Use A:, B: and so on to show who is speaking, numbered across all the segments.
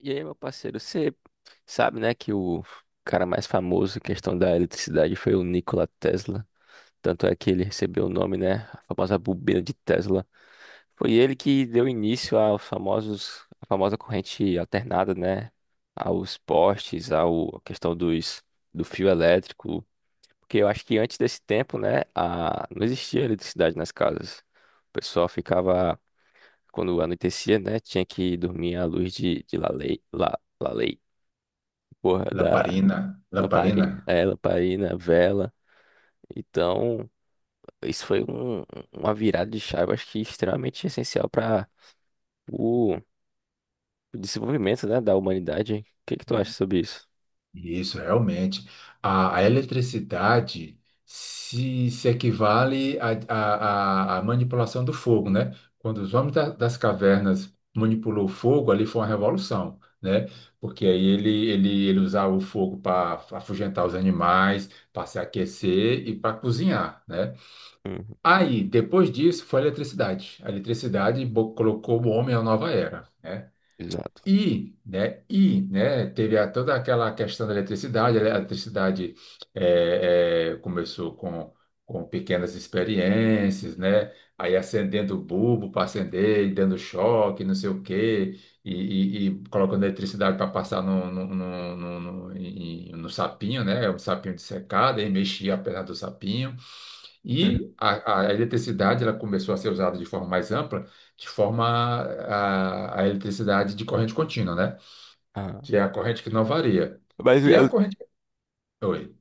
A: E aí, meu parceiro, você sabe, né, que o cara mais famoso em questão da eletricidade foi o Nikola Tesla. Tanto é que ele recebeu o nome, né, a famosa bobina de Tesla. Foi ele que deu início aos famosos, a famosa corrente alternada, né, aos postes, ao, à questão dos, do fio elétrico. Porque eu acho que antes desse tempo, né, a, não existia eletricidade nas casas. O pessoal ficava, quando anoitecia, né, tinha que dormir à luz de, de lalei. Porra, da
B: Lamparina, lamparina.
A: lamparina. É, lamparina, vela. Então, isso foi um- uma virada de chave, acho que extremamente essencial para o o desenvolvimento, né, da humanidade. O que que tu acha
B: E-
A: sobre isso?
B: Isso, realmente. A eletricidade se equivale à manipulação do fogo, né? Quando os homens das cavernas manipulou o fogo, ali foi uma revolução, né? Porque aí ele usava o fogo para afugentar os animais, para se aquecer e para cozinhar, né?
A: Uhum,
B: Aí, depois disso, foi a eletricidade. A eletricidade colocou o homem à nova era, né?
A: exato.
B: E, né, teve toda aquela questão da eletricidade, a eletricidade começou com pequenas experiências, né, aí acendendo o bulbo para acender e dando choque, não sei o quê, e colocando eletricidade para passar no sapinho, né, um sapinho de secada, e mexia a perna do sapinho. E a eletricidade ela começou a ser usada de forma mais ampla, de forma a eletricidade de corrente contínua, né?
A: Ah,
B: Que é a corrente que não varia.
A: mas
B: Que é a
A: eu-
B: corrente. Oi.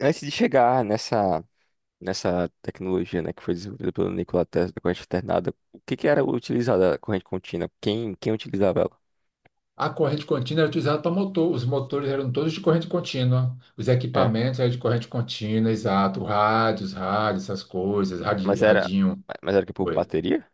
A: antes de chegar nessa, nessa tecnologia, né, que foi desenvolvida pelo Nikola Tesla, da corrente alternada, o que que era utilizada a corrente contínua? Quem, quem utilizava ela?
B: A corrente contínua era utilizada para motor. Os motores eram todos de corrente contínua. Os
A: É,
B: equipamentos eram de corrente contínua, exato. Rádios, rádios, essas coisas,
A: mas era,
B: radinho.
A: mas era que por
B: Oi.
A: bateria?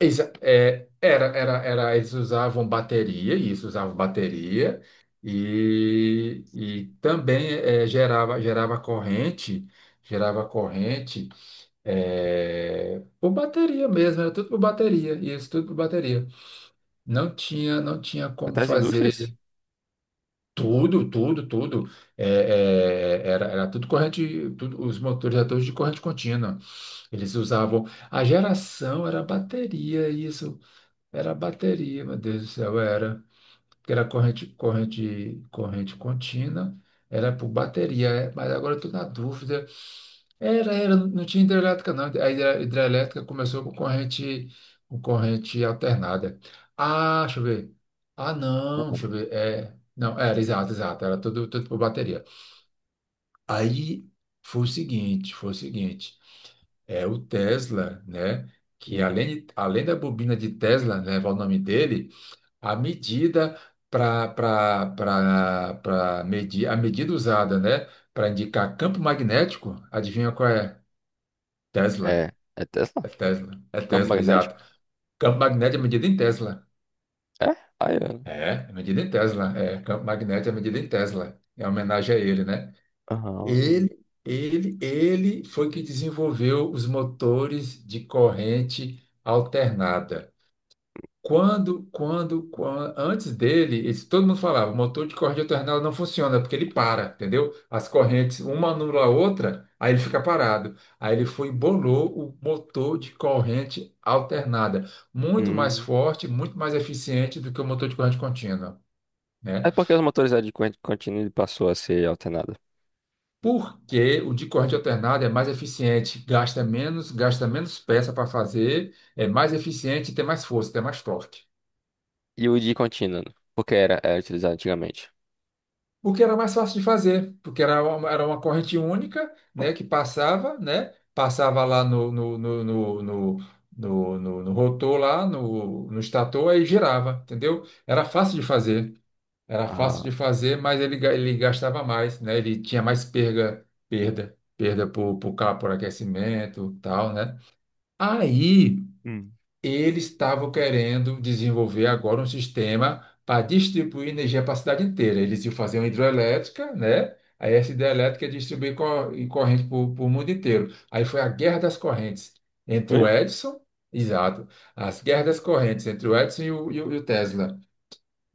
B: Eles usavam bateria, isso usavam bateria, e também gerava corrente, gerava corrente por bateria mesmo, era tudo por bateria, isso tudo por bateria. Não tinha como
A: Até as indústrias?
B: fazer tudo, tudo, tudo. é, era tudo corrente, tudo, os motores eram todos de corrente contínua. Eles usavam, a geração era bateria, isso. Era bateria, meu Deus do céu, era. Porque era corrente contínua, era por bateria, é, mas agora eu tô na dúvida. Não tinha hidrelétrica, não. A hidrelétrica começou com corrente alternada. Ah, deixa eu ver. Ah, não, deixa eu ver. É, não, era, exato, era tudo, tudo por bateria. Aí foi o seguinte, é o Tesla, né? Que
A: Uhum.
B: além da bobina de Tesla, né, levar o nome dele, a medida para medir, a medida usada, né, para indicar campo magnético, adivinha qual é? Tesla.
A: É, é
B: É
A: Tesla?
B: Tesla. É
A: Campo
B: Tesla,
A: magnético?
B: exato. Campo magnético é medida em Tesla.
A: É? Aí, é.
B: É, é medida em Tesla. É, campo magnético é medida em Tesla. É homenagem a ele, né?
A: Aham.
B: Ele foi que desenvolveu os motores de corrente alternada. Antes dele, todo mundo falava, o motor de corrente alternada não funciona, porque ele para, entendeu? As correntes, uma anula a outra, aí ele fica parado. Aí ele foi e bolou o motor de corrente alternada, muito mais
A: Hum.
B: forte, muito mais eficiente do que o motor de corrente contínua,
A: É
B: né?
A: porque os motores eram de corrente contínua e passou a ser alternada.
B: Porque o de corrente alternada é mais eficiente, gasta menos peça para fazer, é mais eficiente e tem mais força, tem mais torque.
A: E o de contínua, né? Porque era, era utilizado antigamente.
B: O que era mais fácil de fazer, porque era uma corrente única, né, que passava, né, passava lá no rotor lá, no estator, e girava, entendeu? Era fácil de fazer, era fácil
A: Ah,
B: de fazer, mas ele, ele gastava mais, né, ele tinha mais perda por, por aquecimento, tal, né? Aí
A: hum.
B: eles estavam querendo desenvolver agora um sistema para distribuir energia para a cidade inteira. Eles iam fazer uma hidroelétrica, né? Aí essa hidrelétrica ia distribuir corrente para o mundo inteiro. Aí foi a guerra das correntes entre
A: Oi?
B: o Edison, exato, as guerras das correntes entre o Edison e o Tesla,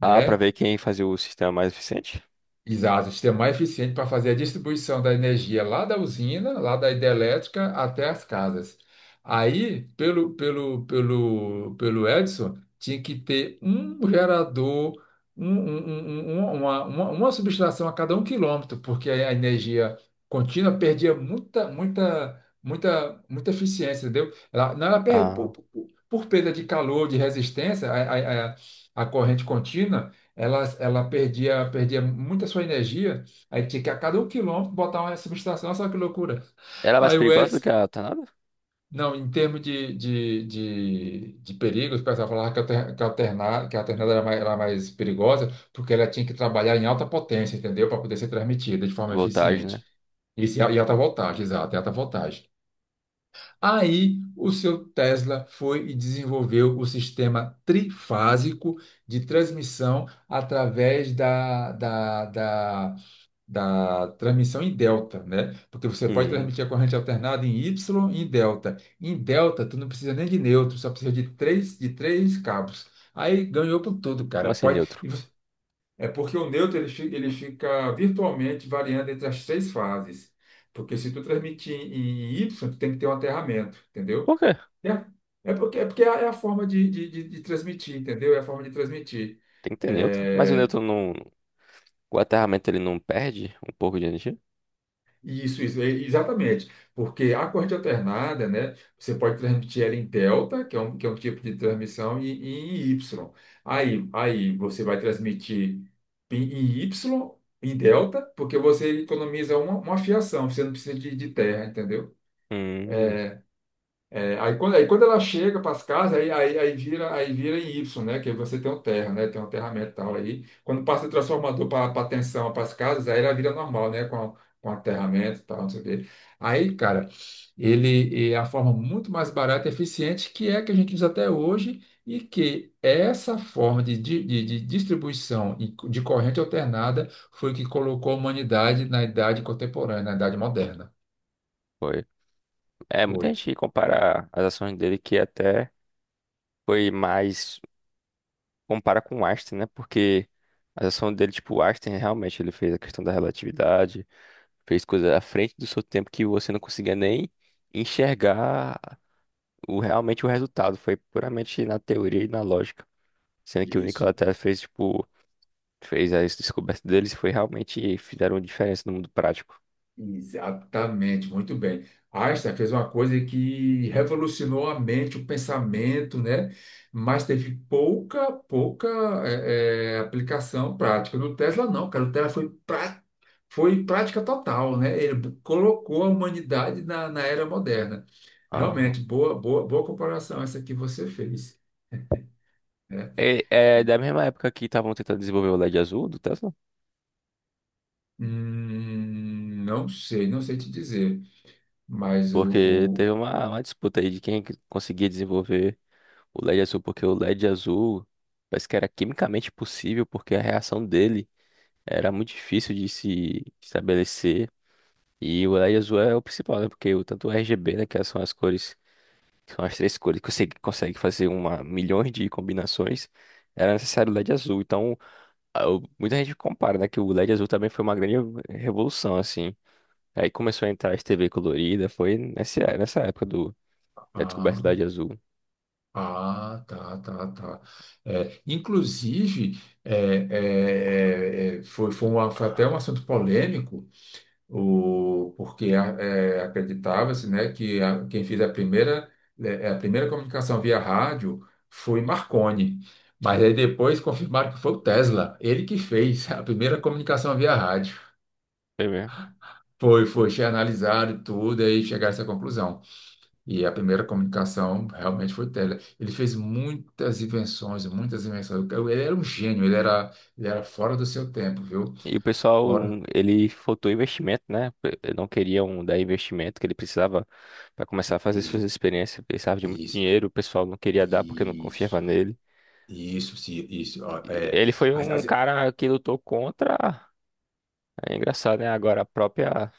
A: Ah, pra ver quem fazia o sistema mais eficiente?
B: Exato, o sistema mais eficiente para fazer a distribuição da energia lá da usina, lá da hidrelétrica até as casas. Aí, pelo Edison tinha que ter um gerador, uma subestação a cada um quilômetro, porque a energia contínua perdia muita eficiência, entendeu? Ela, não, ela perde
A: Ah,
B: por perda de calor, de resistência, a corrente contínua. Ela perdia, perdia muita sua energia, aí tinha que a cada um quilômetro botar uma subestação, olha só que loucura.
A: ela é mais
B: Aí o
A: perigosa do
B: Edson,
A: que a alternada?
B: não, em termos de perigos, o pessoal falava que a alternada era mais perigosa, porque ela tinha que trabalhar em alta potência, entendeu? Para poder ser transmitida de forma
A: Voltagem, né?
B: eficiente. Isso, e alta voltagem, exato, e alta voltagem. Aí o seu Tesla foi e desenvolveu o sistema trifásico de transmissão através da transmissão em delta, né? Porque você pode
A: Hum.
B: transmitir a corrente alternada em Y e em delta. Em delta, tu não precisa nem de neutro, só precisa de três cabos. Aí ganhou por tudo,
A: Como
B: cara.
A: assim
B: Pode,
A: neutro?
B: e você é porque o neutro ele, ele fica virtualmente variando entre as três fases. Porque se tu transmitir em Y, tu tem que ter um aterramento,
A: Por
B: entendeu?
A: quê?
B: É, é porque é a forma de transmitir, entendeu? É a forma de transmitir.
A: Tem que ter neutro. Mas o
B: É,
A: neutro não. O aterramento ele não perde um pouco de energia?
B: isso, exatamente. Porque a corrente alternada, né, você pode transmitir ela em delta, que é um tipo de transmissão, e em Y. Aí você vai transmitir em, em Y, em delta, porque você economiza uma fiação, você não precisa de terra, entendeu?
A: Hum.
B: É, aí quando ela chega para as casas, aí vira em Y, né? Que aí você tem o terra, né? Tem um terra metal aí. Quando passa o transformador para a tensão, para as casas, aí ela vira normal, né? Com, com aterramento e tal, não sei o quê. Aí, cara, ele é a forma muito mais barata e eficiente que é a que a gente usa até hoje e que essa forma de distribuição e de corrente alternada foi o que colocou a humanidade na idade contemporânea, na idade moderna.
A: Foi. É, muita
B: Foi.
A: gente compara as ações dele que é até. Foi mais. Compara com Einstein, né? Porque a ação dele, tipo, Einstein realmente ele fez a questão da relatividade, fez coisas à frente do seu tempo que você não conseguia nem enxergar o, realmente o resultado. Foi puramente na teoria e na lógica. Sendo que o
B: Isso.
A: Nikola Tesla fez, tipo, fez as descobertas deles e foi realmente fizeram diferença no mundo prático.
B: Exatamente, muito bem. Einstein fez uma coisa que revolucionou a mente, o pensamento, né? Mas teve pouca aplicação prática. No Tesla, não, cara. O Tesla foi, pra, foi prática total, né? Ele colocou a humanidade na, na era moderna.
A: Ah.
B: Realmente, boa comparação essa que você fez, né?
A: É, é da mesma época que estavam tentando desenvolver o LED azul do Tesla,
B: Não sei, não sei te dizer, mas
A: porque teve uma disputa aí de quem que conseguia desenvolver. O LED azul, porque o LED azul parece que era quimicamente possível, porque a reação dele era muito difícil de se estabelecer. E o LED azul é o principal, né? Porque o, tanto o RGB, né, que são as cores, que são as três cores que você consegue fazer uma, milhões de combinações, era necessário o LED azul. Então, muita gente compara, né, que o LED azul também foi uma grande revolução, assim. Aí começou a entrar as TV colorida, foi nessa, nessa época do, da
B: a-
A: descoberta do LED azul.
B: ah, tá, tá, tá. É, inclusive, foi até um assunto polêmico, o, porque é, acreditava-se, né, que quem fez a primeira, é, a primeira comunicação via rádio foi Marconi. Mas aí depois confirmaram que foi o Tesla, ele que fez a primeira comunicação via rádio.
A: Foi mesmo.
B: Analisado e tudo, aí chegaram a essa conclusão. E a primeira comunicação realmente foi tele. Ele fez muitas invenções, muitas invenções. Ele era um gênio, ele era fora do seu tempo, viu?
A: E o pessoal,
B: Fora.
A: ele faltou investimento, né? Não queriam dar investimento que ele precisava para começar a fazer suas
B: E,
A: experiências. Precisava de muito
B: isso,
A: dinheiro, o pessoal não queria dar porque não confiava
B: isso,
A: nele.
B: isso, isso. Ó, é,
A: Ele foi
B: as-
A: um
B: as-
A: cara que lutou contra. É engraçado, né? Agora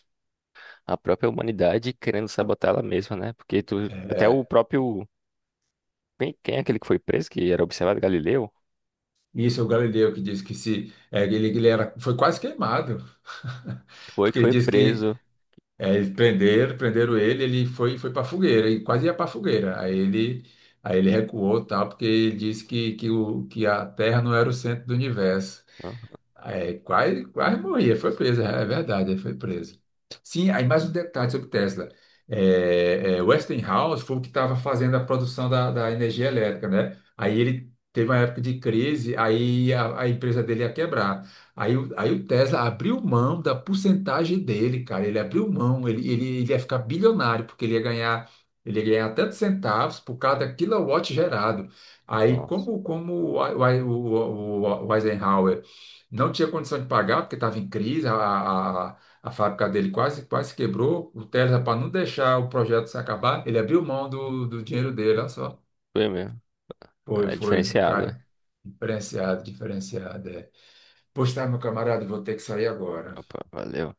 A: a própria humanidade querendo sabotar ela mesma, né? Porque tu, até o
B: é,
A: próprio. Quem, quem é aquele que foi preso, que era observado Galileu?
B: isso é o Galileu que disse que se, é, ele era, foi quase queimado.
A: Foi que
B: Porque ele
A: foi
B: disse que,
A: preso.
B: é, eles prenderam, prenderam ele, ele foi, foi para fogueira, e quase ia para fogueira. Aí ele recuou, tal, porque ele disse que a Terra não era o centro do universo.
A: Ah,
B: É, quase, quase morria, foi presa, é verdade, foi presa. Sim, aí mais um detalhe sobre Tesla. Westinghouse foi o que estava fazendo a produção da energia elétrica, né? Aí ele teve uma época de crise, aí a empresa dele ia quebrar. Aí o Tesla abriu mão da porcentagem dele, cara. Ele abriu mão, ele ia ficar bilionário, porque ele ia ganhar tantos centavos por cada quilowatt gerado. Aí,
A: nossa.
B: como, o Eisenhower. Não tinha condição de pagar, porque estava em crise, a fábrica dele quase, quase quebrou. O Tesla, para não deixar o projeto se acabar, ele abriu mão do dinheiro dele, olha só.
A: Foi mesmo. É
B: O
A: diferenciado, né?
B: cara. Diferenciado, diferenciado. É. Pois tá, meu camarada, vou ter que sair agora.
A: Opa, valeu.